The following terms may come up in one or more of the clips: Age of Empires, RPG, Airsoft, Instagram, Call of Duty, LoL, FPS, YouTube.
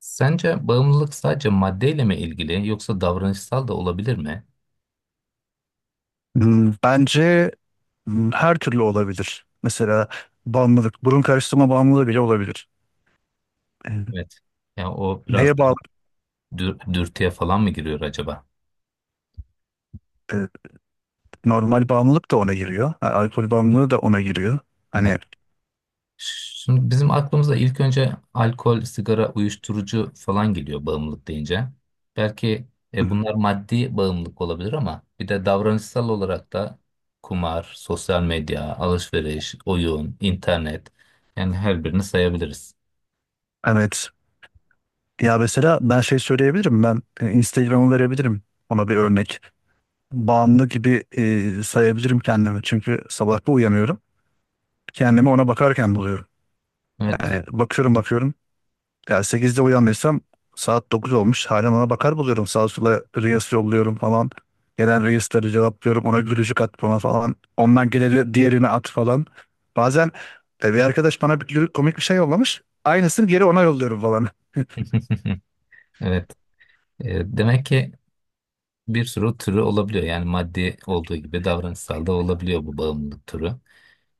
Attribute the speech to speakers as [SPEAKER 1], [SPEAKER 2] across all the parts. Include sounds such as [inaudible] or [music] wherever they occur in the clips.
[SPEAKER 1] Sence bağımlılık sadece maddeyle mi ilgili yoksa davranışsal da olabilir mi?
[SPEAKER 2] Hmm, bence her türlü olabilir. Mesela bağımlılık, burun karıştırma bağımlılığı bile olabilir. E,
[SPEAKER 1] Evet. Yani o biraz
[SPEAKER 2] Neye
[SPEAKER 1] daha
[SPEAKER 2] bağlı?
[SPEAKER 1] dürtüye falan mı giriyor acaba?
[SPEAKER 2] e, Normal bağımlılık da ona giriyor. Ha, alkol bağımlılığı da ona giriyor.
[SPEAKER 1] Evet.
[SPEAKER 2] Hani
[SPEAKER 1] Şimdi bizim aklımıza ilk önce alkol, sigara, uyuşturucu falan geliyor bağımlılık deyince. Belki bunlar maddi bağımlılık olabilir ama bir de davranışsal olarak da kumar, sosyal medya, alışveriş, oyun, internet, yani her birini sayabiliriz.
[SPEAKER 2] evet. Ya mesela ben şey söyleyebilirim. Ben Instagram'ı verebilirim. Ona bir örnek. Bağımlı gibi sayabilirim kendimi. Çünkü sabah bir uyanıyorum. Kendimi ona bakarken buluyorum.
[SPEAKER 1] Evet.
[SPEAKER 2] Yani bakıyorum bakıyorum. Ya sekizde uyanmışsam saat 9 olmuş, hala ona bakar buluyorum. Sağa sola reels yolluyorum falan. Gelen reels'leri cevaplıyorum. Ona gülücük at bana falan. Ondan geleni diğerine at falan. Bazen bir arkadaş bana bir komik bir şey yollamış. Aynısını geri ona yolluyorum falan.
[SPEAKER 1] [laughs] Evet. Demek ki bir sürü türü olabiliyor. Yani maddi olduğu gibi davranışsal da olabiliyor bu bağımlılık türü.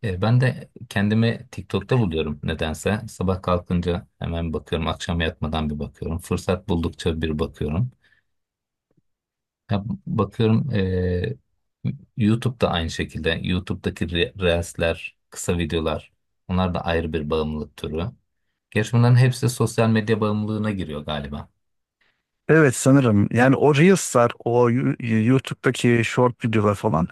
[SPEAKER 1] Ben de kendimi TikTok'ta buluyorum nedense. Sabah kalkınca hemen bakıyorum, akşam yatmadan bir bakıyorum. Fırsat buldukça bir bakıyorum. Ya, bakıyorum, YouTube'da aynı şekilde. Reels'ler, kısa videolar, onlar da ayrı bir bağımlılık türü. Gerçi bunların hepsi sosyal medya bağımlılığına giriyor galiba.
[SPEAKER 2] Evet sanırım. Yani o reels'lar, o YouTube'daki short videolar falan.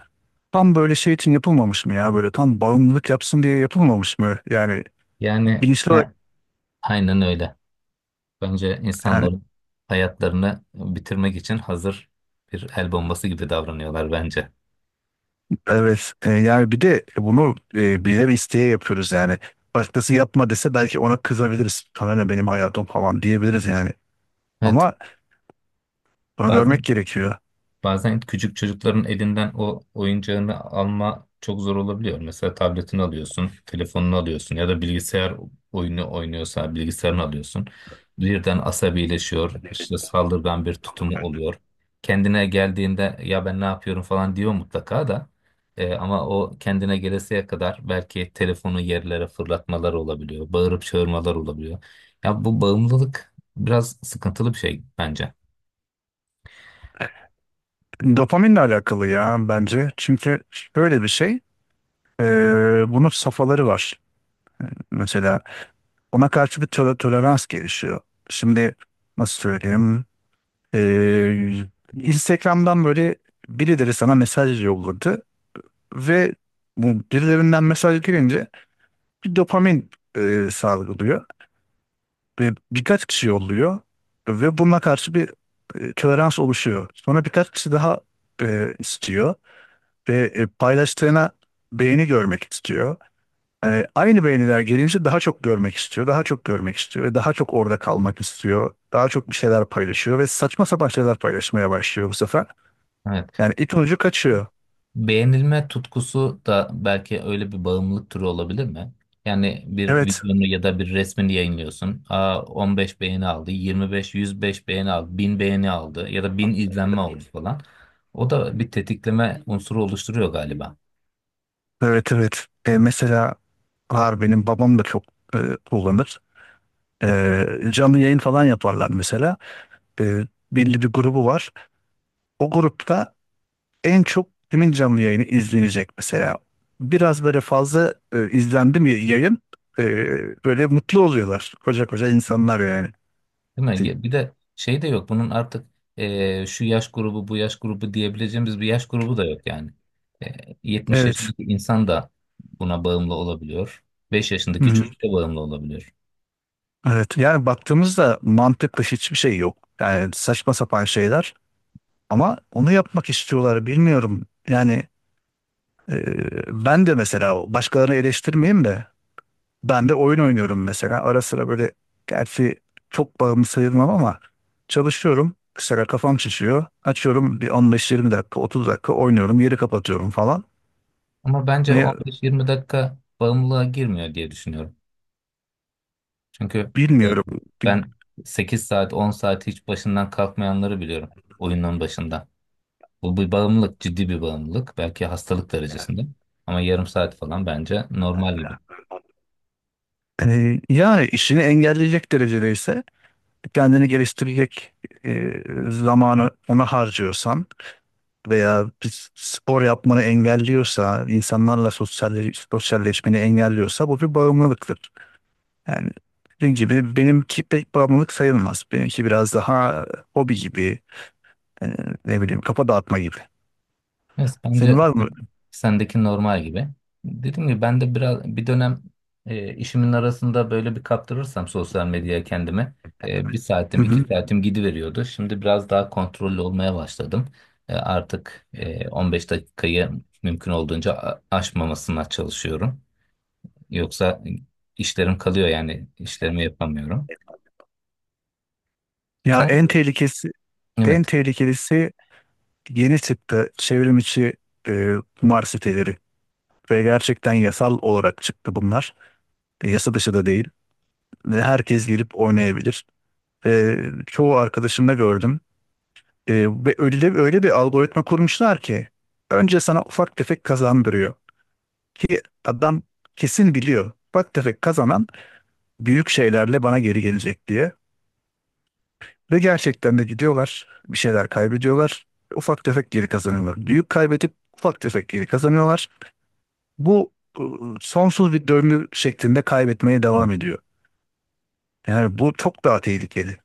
[SPEAKER 2] Tam böyle şey için yapılmamış mı ya? Böyle tam bağımlılık yapsın diye yapılmamış mı? Yani
[SPEAKER 1] Yani
[SPEAKER 2] bilinçli olarak
[SPEAKER 1] ha, aynen öyle. Bence
[SPEAKER 2] yani.
[SPEAKER 1] insanların hayatlarını bitirmek için hazır bir el bombası gibi davranıyorlar bence.
[SPEAKER 2] Evet yani bir de bunu bilerek isteye yapıyoruz yani. Başkası yapma dese belki ona kızabiliriz. Sana ne benim hayatım falan diyebiliriz yani.
[SPEAKER 1] Evet.
[SPEAKER 2] Ama bunu görmek
[SPEAKER 1] Bazen
[SPEAKER 2] gerekiyor.
[SPEAKER 1] Bazen küçük çocukların elinden o oyuncağını alma çok zor olabiliyor. Mesela tabletini alıyorsun, telefonunu alıyorsun ya da bilgisayar oyunu oynuyorsa bilgisayarını alıyorsun. Birden asabileşiyor, işte saldırgan bir tutumu oluyor. Kendine geldiğinde ya ben ne yapıyorum falan diyor mutlaka da. Ama o kendine gelesiye kadar belki telefonu yerlere fırlatmalar olabiliyor, bağırıp çağırmalar olabiliyor. Ya bu bağımlılık biraz sıkıntılı bir şey bence.
[SPEAKER 2] Dopaminle alakalı ya bence. Çünkü şöyle bir şey. e, Bunun safhaları var. Mesela ona karşı bir tolerans gelişiyor. Şimdi nasıl söyleyeyim? E, Instagram'dan böyle birileri sana mesaj yolladı ve bu birilerinden mesaj gelince bir dopamin salgılıyor ve birkaç kişi yolluyor ve buna karşı bir tolerans oluşuyor. Sonra birkaç kişi daha istiyor ve paylaştığına beğeni görmek istiyor. E, aynı beğeniler gelince daha çok görmek istiyor, daha çok görmek istiyor ve daha çok orada kalmak istiyor. Daha çok bir şeyler paylaşıyor ve saçma sapan şeyler paylaşmaya başlıyor bu sefer.
[SPEAKER 1] Evet.
[SPEAKER 2] Yani ipin ucu kaçıyor.
[SPEAKER 1] Beğenilme tutkusu da belki öyle bir bağımlılık türü olabilir mi? Yani bir
[SPEAKER 2] Evet,
[SPEAKER 1] videonu ya da bir resmini yayınlıyorsun. Aa, 15 beğeni aldı, 25, 105 beğeni aldı, 1000 beğeni aldı ya da 1000 izlenme oldu falan. O da bir tetikleme unsuru oluşturuyor galiba.
[SPEAKER 2] evet, evet. Mesela var benim babam da çok e, kullanır. Canlı yayın falan yaparlar mesela. Ee, Belli bir grubu var. O grupta en çok kimin canlı yayını izlenecek mesela. Biraz böyle fazla izlendi mi yayın e, böyle mutlu oluyorlar. Koca koca insanlar yani.
[SPEAKER 1] Değil mi? Ya, bir de şey de yok. Bunun artık, şu yaş grubu, bu yaş grubu diyebileceğimiz bir yaş grubu da yok yani. 70
[SPEAKER 2] Evet.
[SPEAKER 1] yaşındaki insan da buna bağımlı olabiliyor. 5
[SPEAKER 2] Hı
[SPEAKER 1] yaşındaki
[SPEAKER 2] hı.
[SPEAKER 1] çocuk da bağımlı olabiliyor.
[SPEAKER 2] Evet. Yani baktığımızda mantıklı hiçbir şey yok. Yani saçma sapan şeyler ama onu yapmak istiyorlar bilmiyorum. Yani e, ben de mesela başkalarını eleştirmeyeyim de, ben de oyun oynuyorum mesela. Ara sıra böyle, gerçi çok bağımlı sayılmam ama çalışıyorum. Mesela kafam şişiyor. Açıyorum bir 15-20 dakika, 30 dakika oynuyorum. Yeri kapatıyorum falan.
[SPEAKER 1] Ama bence
[SPEAKER 2] Ve
[SPEAKER 1] 15-20 dakika bağımlılığa girmiyor diye düşünüyorum. Çünkü e,
[SPEAKER 2] bilmiyorum. Bil-
[SPEAKER 1] ben 8 saat 10 saat hiç başından kalkmayanları biliyorum oyunun başında. Bu bir bağımlılık, ciddi bir bağımlılık. Belki hastalık derecesinde. Ama yarım saat falan bence normal gibi.
[SPEAKER 2] Yani işini engelleyecek derecede ise, kendini geliştirecek e, zamanı ona harcıyorsan veya bir spor yapmanı engelliyorsa, insanlarla sosyalleşmeni engelliyorsa bu bir bağımlılıktır. Yani dediğim gibi benimki pek bağımlılık sayılmaz. Benimki biraz daha hobi gibi, e, ne bileyim kafa dağıtma gibi.
[SPEAKER 1] Evet,
[SPEAKER 2] Senin
[SPEAKER 1] bence
[SPEAKER 2] var mı?
[SPEAKER 1] sendeki normal gibi. Dediğim gibi ben de biraz bir dönem, işimin arasında böyle bir kaptırırsam sosyal medyaya kendimi, bir
[SPEAKER 2] Hı
[SPEAKER 1] saatim iki
[SPEAKER 2] hı.
[SPEAKER 1] saatim gidiveriyordu. Şimdi biraz daha kontrollü olmaya başladım. E, artık 15 dakikayı mümkün olduğunca aşmamasına çalışıyorum. Yoksa işlerim kalıyor yani işlerimi yapamıyorum.
[SPEAKER 2] Ya
[SPEAKER 1] Sen,
[SPEAKER 2] en
[SPEAKER 1] evet,
[SPEAKER 2] tehlikelisi yeni çıktı çevrim içi kumar siteleri. Ve gerçekten yasal olarak çıktı bunlar. E, yasa dışı da değil. Ve herkes gelip oynayabilir. E, Çoğu arkadaşımda gördüm. E, Ve öyle bir algoritma kurmuşlar ki önce sana ufak tefek kazandırıyor. Ki adam kesin biliyor, bak tefek kazanan büyük şeylerle bana geri gelecek diye. Ve gerçekten de gidiyorlar. Bir şeyler kaybediyorlar. Ufak tefek geri kazanıyorlar. Büyük kaybedip ufak tefek geri kazanıyorlar. Bu sonsuz bir döngü şeklinde kaybetmeye devam ediyor. Yani bu çok daha tehlikeli.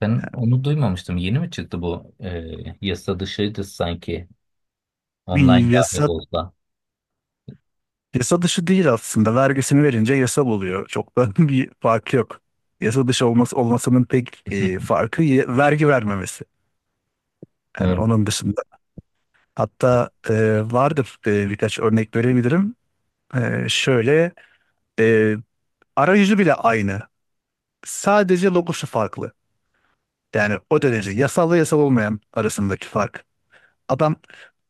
[SPEAKER 1] ben onu duymamıştım. Yeni mi çıktı bu, yasa dışıydı sanki, online
[SPEAKER 2] Bir
[SPEAKER 1] dahi
[SPEAKER 2] yasa,
[SPEAKER 1] olsa.
[SPEAKER 2] yasa dışı değil aslında. Vergisini verince yasal oluyor. Çok da [laughs] bir fark yok. Yasa olmasının pek
[SPEAKER 1] [laughs]
[SPEAKER 2] farkı vergi vermemesi. Yani
[SPEAKER 1] Doğru.
[SPEAKER 2] onun dışında, hatta vardır birkaç örnek verebilirim. E, şöyle, e, arayüzü bile aynı. Sadece logosu farklı. Yani o derece yasal ve yasal olmayan arasındaki fark. Adam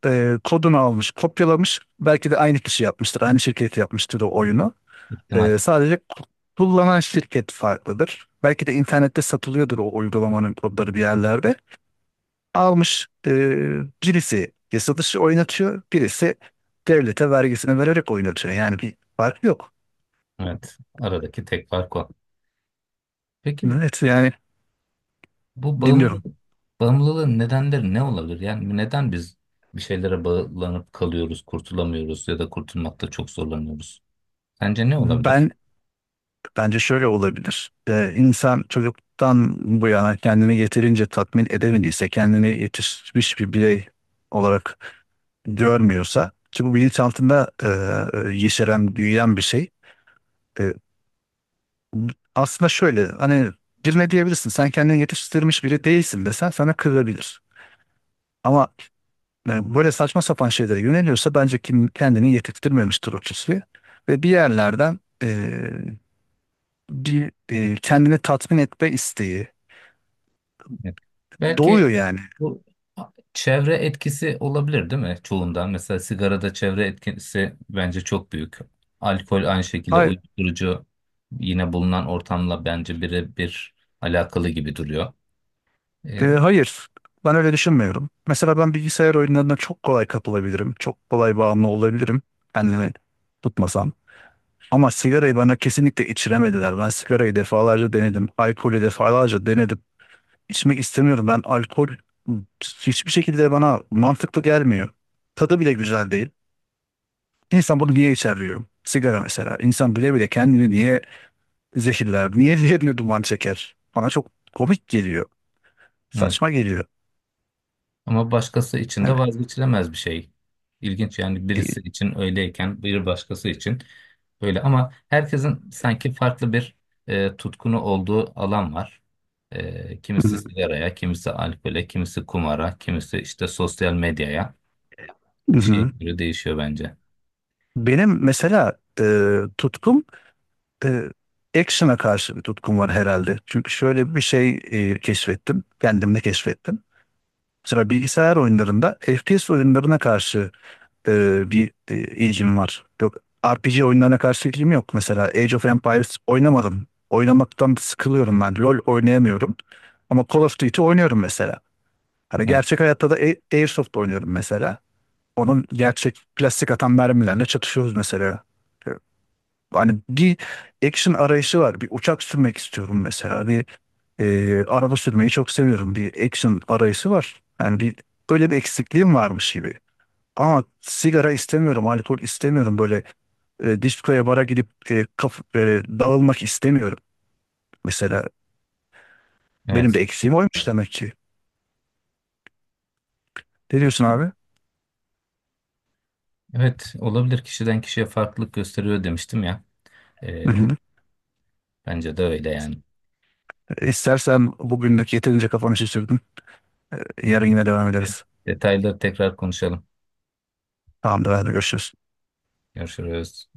[SPEAKER 2] kodunu almış, kopyalamış. Belki de aynı kişi yapmıştır, aynı şirket yapmıştır o oyunu.
[SPEAKER 1] İhtimal.
[SPEAKER 2] E, sadece kullanan şirket farklıdır. Belki de internette satılıyordur o uygulamanın kodları bir yerlerde. Almış, birisi yasadışı oynatıyor, birisi devlete vergisini vererek oynatıyor. Yani bir fark yok.
[SPEAKER 1] Evet. Aradaki tek fark o. Peki
[SPEAKER 2] Evet yani
[SPEAKER 1] bu
[SPEAKER 2] dinliyorum.
[SPEAKER 1] bağımlılığın nedenleri ne olabilir? Yani neden biz bir şeylere bağlanıp kalıyoruz, kurtulamıyoruz ya da kurtulmakta çok zorlanıyoruz? Sence ne olabilir?
[SPEAKER 2] Ben bence şöyle olabilir. E, insan çocuktan bu yana kendini yeterince tatmin edemediyse, kendini yetişmiş bir birey olarak görmüyorsa, ki bu bilinçaltında yeşeren, büyüyen bir şey. E, aslında şöyle hani, birine diyebilirsin sen kendini yetiştirmiş biri değilsin desen sana kırılabilir. Ama yani böyle saçma sapan şeylere yöneliyorsa bence kim kendini yetiştirmemiştir o kişi. Ve bir yerlerden bir kendini tatmin etme isteği
[SPEAKER 1] Evet. Belki
[SPEAKER 2] doğuyor yani.
[SPEAKER 1] Bu çevre etkisi olabilir değil mi çoğunda? Mesela sigarada çevre etkisi bence çok büyük. Alkol aynı şekilde,
[SPEAKER 2] Hayır,
[SPEAKER 1] uyuşturucu yine bulunan ortamla bence birebir alakalı gibi duruyor. Ee,
[SPEAKER 2] hayır, ben öyle düşünmüyorum. Mesela ben bilgisayar oyunlarına çok kolay kapılabilirim. Çok kolay bağımlı olabilirim kendimi tutmasam. Ama sigarayı bana kesinlikle içiremediler. Ben sigarayı defalarca denedim. Alkolü defalarca denedim. İçmek istemiyorum. Ben alkol hiçbir şekilde bana mantıklı gelmiyor. Tadı bile güzel değil. İnsan bunu niye içer diyorum. Sigara mesela. İnsan bile bile kendini niye zehirler, niye [laughs] yerine duman çeker? Bana çok komik geliyor.
[SPEAKER 1] evet.
[SPEAKER 2] Saçma geliyor.
[SPEAKER 1] Ama başkası için de
[SPEAKER 2] Yani,
[SPEAKER 1] vazgeçilemez bir şey. İlginç yani,
[SPEAKER 2] e,
[SPEAKER 1] birisi için öyleyken bir başkası için böyle, ama herkesin sanki farklı bir, tutkunu olduğu alan var. Kimisi
[SPEAKER 2] hı
[SPEAKER 1] sigaraya, kimisi alkole, kimisi kumara, kimisi işte sosyal medyaya. Bir şeye
[SPEAKER 2] hı.
[SPEAKER 1] göre değişiyor bence.
[SPEAKER 2] Benim mesela tutkum, e, action'a karşı bir tutkum var herhalde. Çünkü şöyle bir şey keşfettim. Kendimde keşfettim. Mesela bilgisayar oyunlarında FPS oyunlarına karşı bir ilgim var. Yok, RPG oyunlarına karşı ilgim yok. Mesela Age of Empires oynamadım. Oynamaktan sıkılıyorum ben. LoL oynayamıyorum. Ama Call of Duty oynuyorum mesela. Hani
[SPEAKER 1] Evet.
[SPEAKER 2] gerçek hayatta da Airsoft oynuyorum mesela. Onun gerçek plastik atan mermilerle çatışıyoruz mesela. E, Hani bir action arayışı var. Bir uçak sürmek istiyorum mesela. Bir araba sürmeyi çok seviyorum. Bir action arayışı var. Yani bir böyle bir eksikliğim varmış gibi. Ama sigara istemiyorum, alkol istemiyorum. Böyle diskoya bara gidip dağılmak istemiyorum. Mesela benim
[SPEAKER 1] Evet.
[SPEAKER 2] de eksiğim oymuş demek ki. Ne diyorsun abi?
[SPEAKER 1] Evet, olabilir, kişiden kişiye farklılık gösteriyor demiştim ya.
[SPEAKER 2] Hı
[SPEAKER 1] E,
[SPEAKER 2] hı.
[SPEAKER 1] Bence de öyle yani.
[SPEAKER 2] E, İstersen bugünlük yeterince kafanı şişirdim. Yarın yine devam
[SPEAKER 1] Evet.
[SPEAKER 2] ederiz.
[SPEAKER 1] Detayları tekrar konuşalım.
[SPEAKER 2] Tamamdır, hadi görüşürüz.
[SPEAKER 1] Görüşürüz.